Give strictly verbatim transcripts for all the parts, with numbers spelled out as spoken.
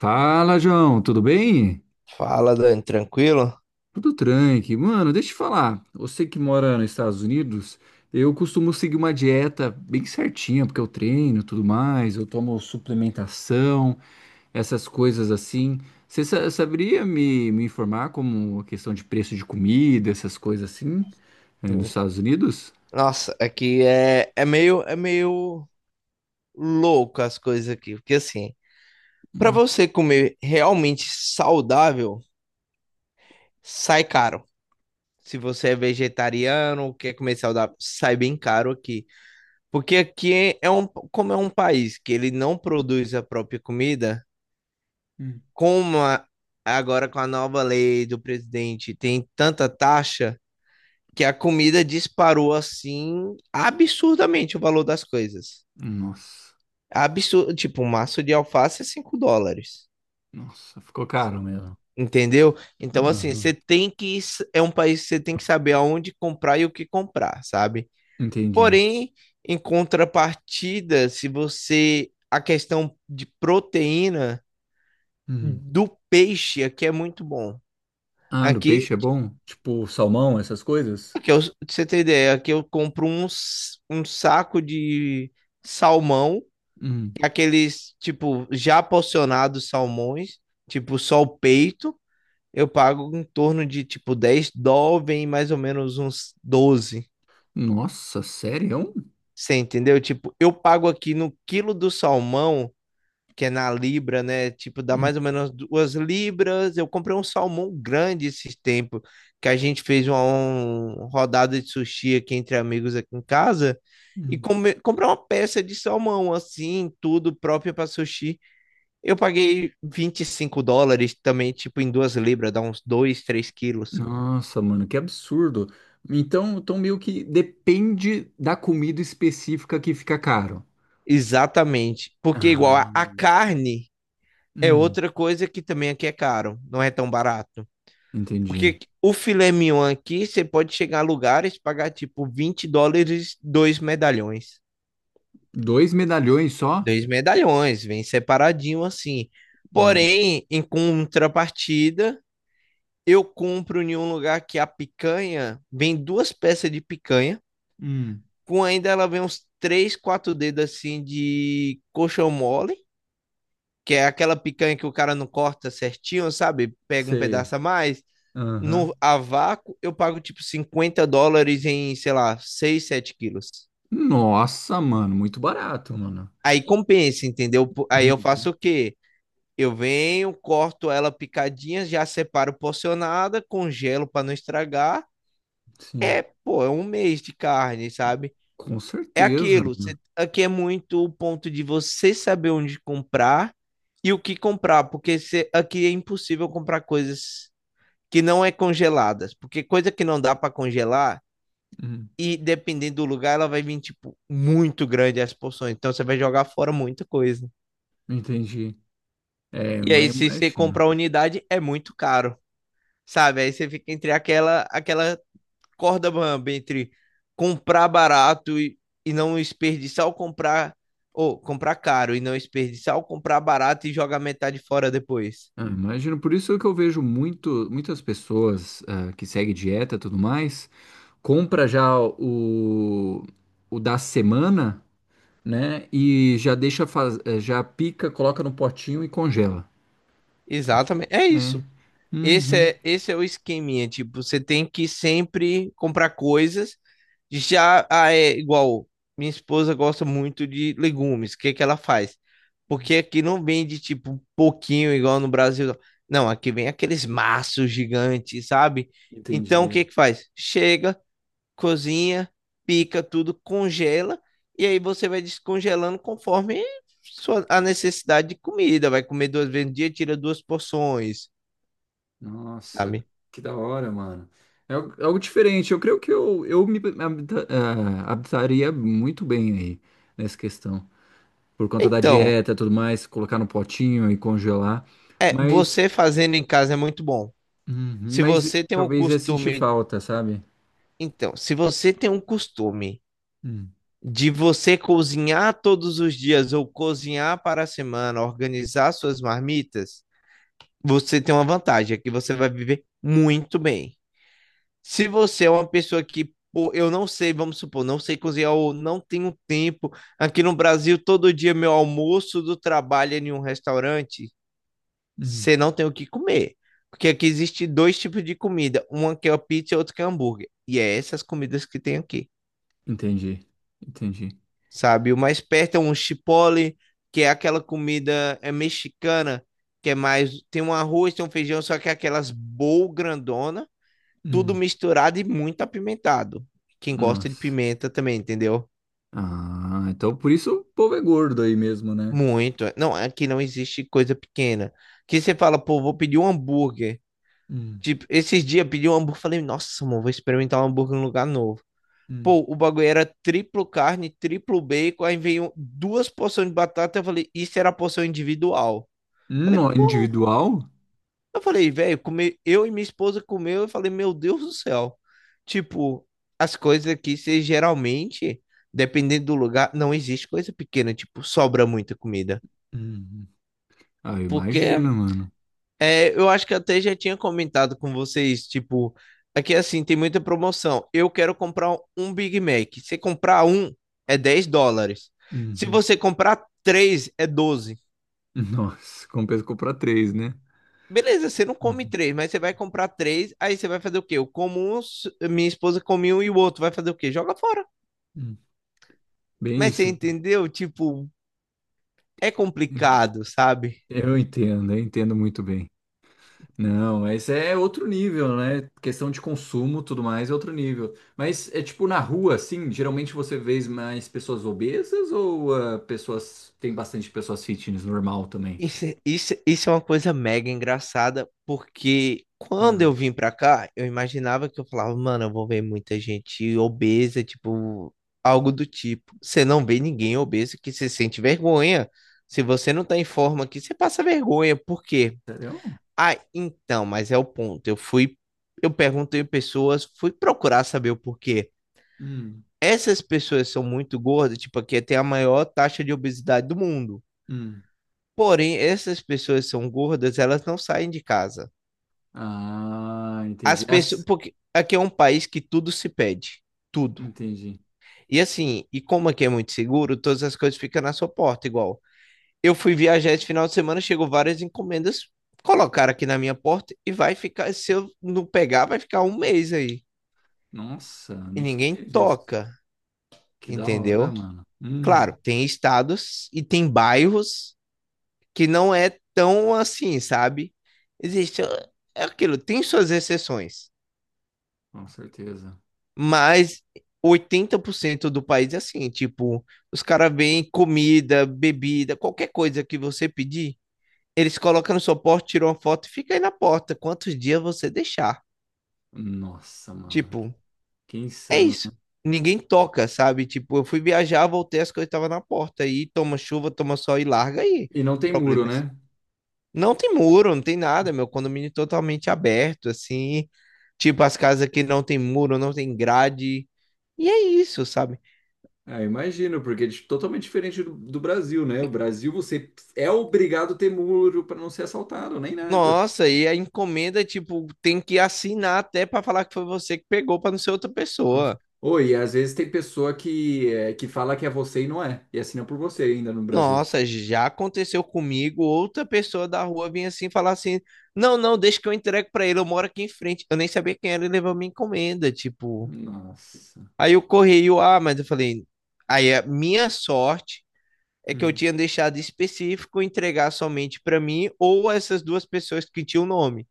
Fala, João, tudo bem? Fala, Dani, tranquilo? Tudo tranqui. Mano, deixa eu te falar. Você que mora nos Estados Unidos, eu costumo seguir uma dieta bem certinha, porque eu treino, e tudo mais, eu tomo suplementação, essas coisas assim. Você sa- saberia me, me informar como a questão de preço de comida, essas coisas assim, eh, nos Estados Unidos? Nossa, aqui é, é meio é meio louco as coisas aqui, porque assim, para Hum, você comer realmente saudável, sai caro. Se você é vegetariano, quer comer saudável, sai bem caro aqui. Porque aqui é é um, como é um país que ele não produz a própria comida, hum. como a- agora com a nova lei do presidente tem tanta taxa, que a comida disparou assim absurdamente o valor das coisas. Nossa, Absurdo, tipo, um maço de alface é cinco dólares. nossa, ficou caro mesmo. Entendeu? Então, assim, você Aham. tem que. É um país que você tem que saber aonde comprar e o que comprar, sabe? Entendi. Porém, em contrapartida, se você. A questão de proteína Hum. do peixe aqui é muito bom. Ah, do Aqui, peixe é bom? Tipo salmão, essas coisas? aqui eu, pra você ter ideia, aqui eu compro um, s- um saco de salmão Hum. aqueles, tipo, já porcionados salmões, tipo, só o peito, eu pago em torno de, tipo, dez dólares, vem mais ou menos uns doze. Nossa, sério? Você entendeu? Tipo, eu pago aqui no quilo do salmão, que é na libra, né? Tipo, dá Hum, mais ou menos duas libras. Eu comprei um salmão grande esses tempos, que a gente fez uma, um- rodada de sushi aqui entre amigos aqui em casa. E hum. come, comprei uma peça de salmão, assim, tudo próprio para sushi. Eu paguei vinte e cinco dólares também, tipo, em duas libras, dá uns dois, três quilos. Nossa, mano, que absurdo. Então, então meio que depende da comida específica que fica caro. Exatamente. Porque igual Ah, a, a carne é hum, outra coisa que também aqui é caro, não é tão barato. entendi. Porque o filé mignon aqui, você pode chegar a lugares e pagar tipo vinte dólares, dois medalhões. Dois medalhões só? Dois medalhões, vem separadinho assim. Hum, Porém, em contrapartida, eu compro em um lugar que a picanha vem duas peças de picanha hum, com ainda ela vem uns três, quatro dedos assim de coxão mole, que é aquela picanha que o cara não corta certinho, sabe? Pega um sei. pedaço a mais. No, Aham. a vácuo, eu pago tipo cinquenta dólares em, sei lá, seis sete quilos. Nossa, mano, muito barato, mano. Aí compensa, entendeu? Po- Aí eu Uhum. faço o quê? Eu venho, corto ela picadinha, já separo porcionada, congelo para não estragar. Sim, Pô, é um mês de carne, sabe? com É certeza. aquilo. Você, aqui é muito o ponto de você saber onde comprar e o que comprar, porque você, aqui é impossível comprar coisas que não é congeladas, porque coisa que não dá para congelar Hum, e dependendo do lugar ela vai vir tipo muito grande as porções, então você vai jogar fora muita coisa. entendi. É, E mas aí se você imagina. comprar unidade é muito caro, sabe? Aí você fica entre aquela aquela corda bamba entre comprar barato e, e não desperdiçar ou comprar ou comprar caro e não desperdiçar ou comprar barato e jogar metade fora depois. Ah, imagino, por isso que eu vejo muito, muitas pessoas ah, que seguem dieta e tudo mais, compra já o, o da semana, né? E já deixa, faz- eh, já pica, coloca no potinho e congela. Exatamente. É É. isso. Esse Uhum. é, esse é o esqueminha, tipo, você tem que sempre comprar coisas de já, ah, é igual, minha esposa gosta muito de legumes, o que que ela faz? Porque aqui não vende, tipo, um pouquinho igual no Brasil, não. Não, aqui vem aqueles maços gigantes, sabe? Então, o Entendi. que que faz? Chega, cozinha, pica tudo, congela, e aí você vai descongelando conforme sua, a necessidade de comida, vai comer duas vezes no dia, tira duas porções, Nossa, sabe? que da hora, mano. É algo é algo diferente. Eu creio que eu, eu me habita- ah, adaptaria muito bem aí nessa questão. Por conta da Então, dieta e tudo mais, colocar no potinho e congelar. é, Mas você fazendo em casa é muito bom. uhum. Se Mas você tem um talvez ia sentir costume, falta, sabe? então, se você tem um costume Hum, de você cozinhar todos os dias ou cozinhar para a semana, organizar suas marmitas, você tem uma vantagem, é que você vai viver muito bem. Se você é uma pessoa que, pô, eu não sei, vamos supor, não sei cozinhar ou não tenho tempo, aqui no Brasil todo dia meu almoço do trabalho é em um restaurante, hum. você não tem o que comer. Porque aqui existe dois tipos de comida, uma que é pizza e outra que é hambúrguer. E é essas comidas que tem aqui, Entendi, entendi. sabe? O mais perto é um chipotle, que é aquela comida é mexicana, que é mais tem um arroz, tem um feijão, só que é aquelas bowl grandona, tudo Hum. misturado e muito apimentado. Quem gosta de Nossa. pimenta também, entendeu? Ah, então por isso o povo é gordo aí mesmo, né? Muito. Não, aqui não existe coisa pequena. Que você fala, pô, vou pedir um hambúrguer. Hum, Tipo, esses dias pedi um hambúrguer, falei, nossa, mano, vou experimentar um hambúrguer num lugar novo. hum. Pô, o bagulho era triplo carne, triplo bacon, aí veio duas porções de batata, eu falei, isso era a porção individual. Falei, No pô, individual? eu falei, velho, come, eu e minha esposa comeu, eu falei, meu Deus do céu. Tipo, as coisas aqui, você geralmente, dependendo do lugar, não existe coisa pequena, tipo, sobra muita comida. Uhum. Ah, eu imagino, Porque mano. é, eu acho que até já tinha comentado com vocês, tipo, aqui assim, tem muita promoção. Eu quero comprar um Big Mac. Se comprar um, é dez dólares. Se Uhum. você comprar três, é doze. Nossa, compensa comprar três, né? Beleza, você não come Uhum, três, mas você vai comprar três, aí você vai fazer o quê? Eu como um, s- minha esposa come um e o outro vai fazer o quê? Joga fora. uhum. Bem Mas você isso. entendeu? Tipo, é complicado, sabe? Eu entendo, eu entendo muito bem. Não, mas é outro nível, né? Questão de consumo, tudo mais, é outro nível. Mas é tipo na rua, assim, geralmente você vê mais pessoas obesas ou ah, pessoas tem bastante pessoas fitness normal também? Isso, é- isso, isso é uma coisa mega engraçada, porque quando eu Ah, vim pra cá, eu imaginava que eu falava, mano, eu vou ver muita gente obesa, tipo, algo do tipo. Você não vê ninguém obeso que se sente vergonha. Se você não tá em forma aqui, você passa vergonha. Por quê? sério? Ah, então, mas é o ponto. Eu fui, eu perguntei pessoas, fui procurar saber o porquê. Hum, Essas pessoas são muito gordas, tipo, aqui tem a maior taxa de obesidade do mundo. hum. Porém, essas pessoas são gordas, elas não saem de casa. Ah, entendi. As pessoas, As- porque aqui é um país que tudo se pede, tudo. Entendi. E assim, e como aqui é muito seguro, todas as coisas ficam na sua porta, igual. Eu fui viajar esse final de semana, chegou várias encomendas, colocaram aqui na minha porta e vai ficar, se eu não pegar, vai ficar um mês aí. Nossa, E não ninguém sabia disso. toca, Que da hora, entendeu? mano. Hum, Claro, tem estados e tem bairros que não é tão assim, sabe? Existe, é aquilo, tem suas exceções. com certeza. Mas oitenta por cento do país é assim, tipo, os caras veem comida, bebida, qualquer coisa que você pedir, eles colocam no seu porta, tiram uma foto e fica aí na porta, quantos dias você deixar. Nossa, mano, que, Tipo, que é insano. isso. Ninguém toca, sabe? Tipo, eu fui viajar, voltei, as coisas estavam na porta. Aí toma chuva, toma sol e larga aí. E não O tem muro, problema é seu. né? Não tem muro, não tem nada, meu condomínio é totalmente aberto, assim. Tipo, as casas que não tem muro, não tem grade. E é isso, sabe? Ah, imagino, porque é di- totalmente diferente do, do Brasil, né? O Brasil você é obrigado a ter muro para não ser assaltado, nem nada. Nossa, e a encomenda, tipo, tem que assinar até para falar que foi você que pegou para não ser outra Cons- pessoa. Oi, e às vezes tem pessoa que, é, que fala que é você e não é, e assina por você ainda no Brasil. Nossa, já aconteceu comigo, outra pessoa da rua vinha assim falar assim: "Não, não, deixa que eu entrego para ele, eu moro aqui em frente". Eu nem sabia quem era e levou minha encomenda, tipo. Nossa. Aí o correio, ah, mas eu falei: "Aí a minha sorte é que eu Hum. tinha deixado específico entregar somente para mim ou essas duas pessoas que tinham o nome".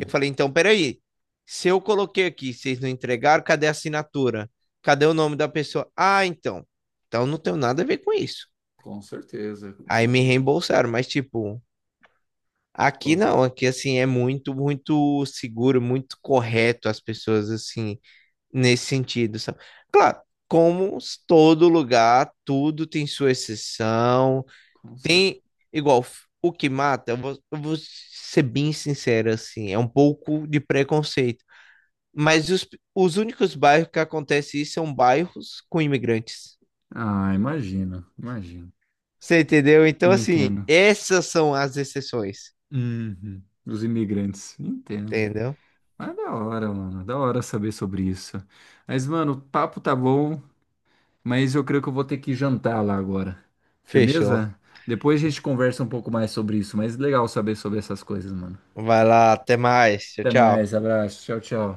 Eu falei, então, peraí. Se eu coloquei aqui, vocês não entregaram, cadê a assinatura? Cadê o nome da pessoa? Ah, então. Então não tenho nada a ver com isso. com certeza, com Aí me certeza. reembolsaram, mas tipo, Pô, aqui não, aqui assim é muito, muito seguro, muito correto as pessoas assim, nesse sentido, sabe? Claro, como s- todo lugar, tudo tem sua exceção, com certeza. tem igual f- o que mata, eu vou, eu vou ser bem sincero assim, é um pouco de preconceito. Mas os, os únicos bairros que acontece isso são bairros com imigrantes. Ah, imagino, imagino. Você entendeu? Então, assim, Entendo. essas são as exceções. Uhum. Os imigrantes, entendo. Entendeu? Mas da hora, mano, da hora saber sobre isso. Mas, mano, o papo tá bom. Mas eu creio que eu vou ter que jantar lá agora. Fechou. Firmeza? Depois a gente conversa um pouco mais sobre isso, mas legal saber sobre essas coisas, mano. Vai lá, até mais. Tchau, Até tchau. mais, abraço, tchau, tchau.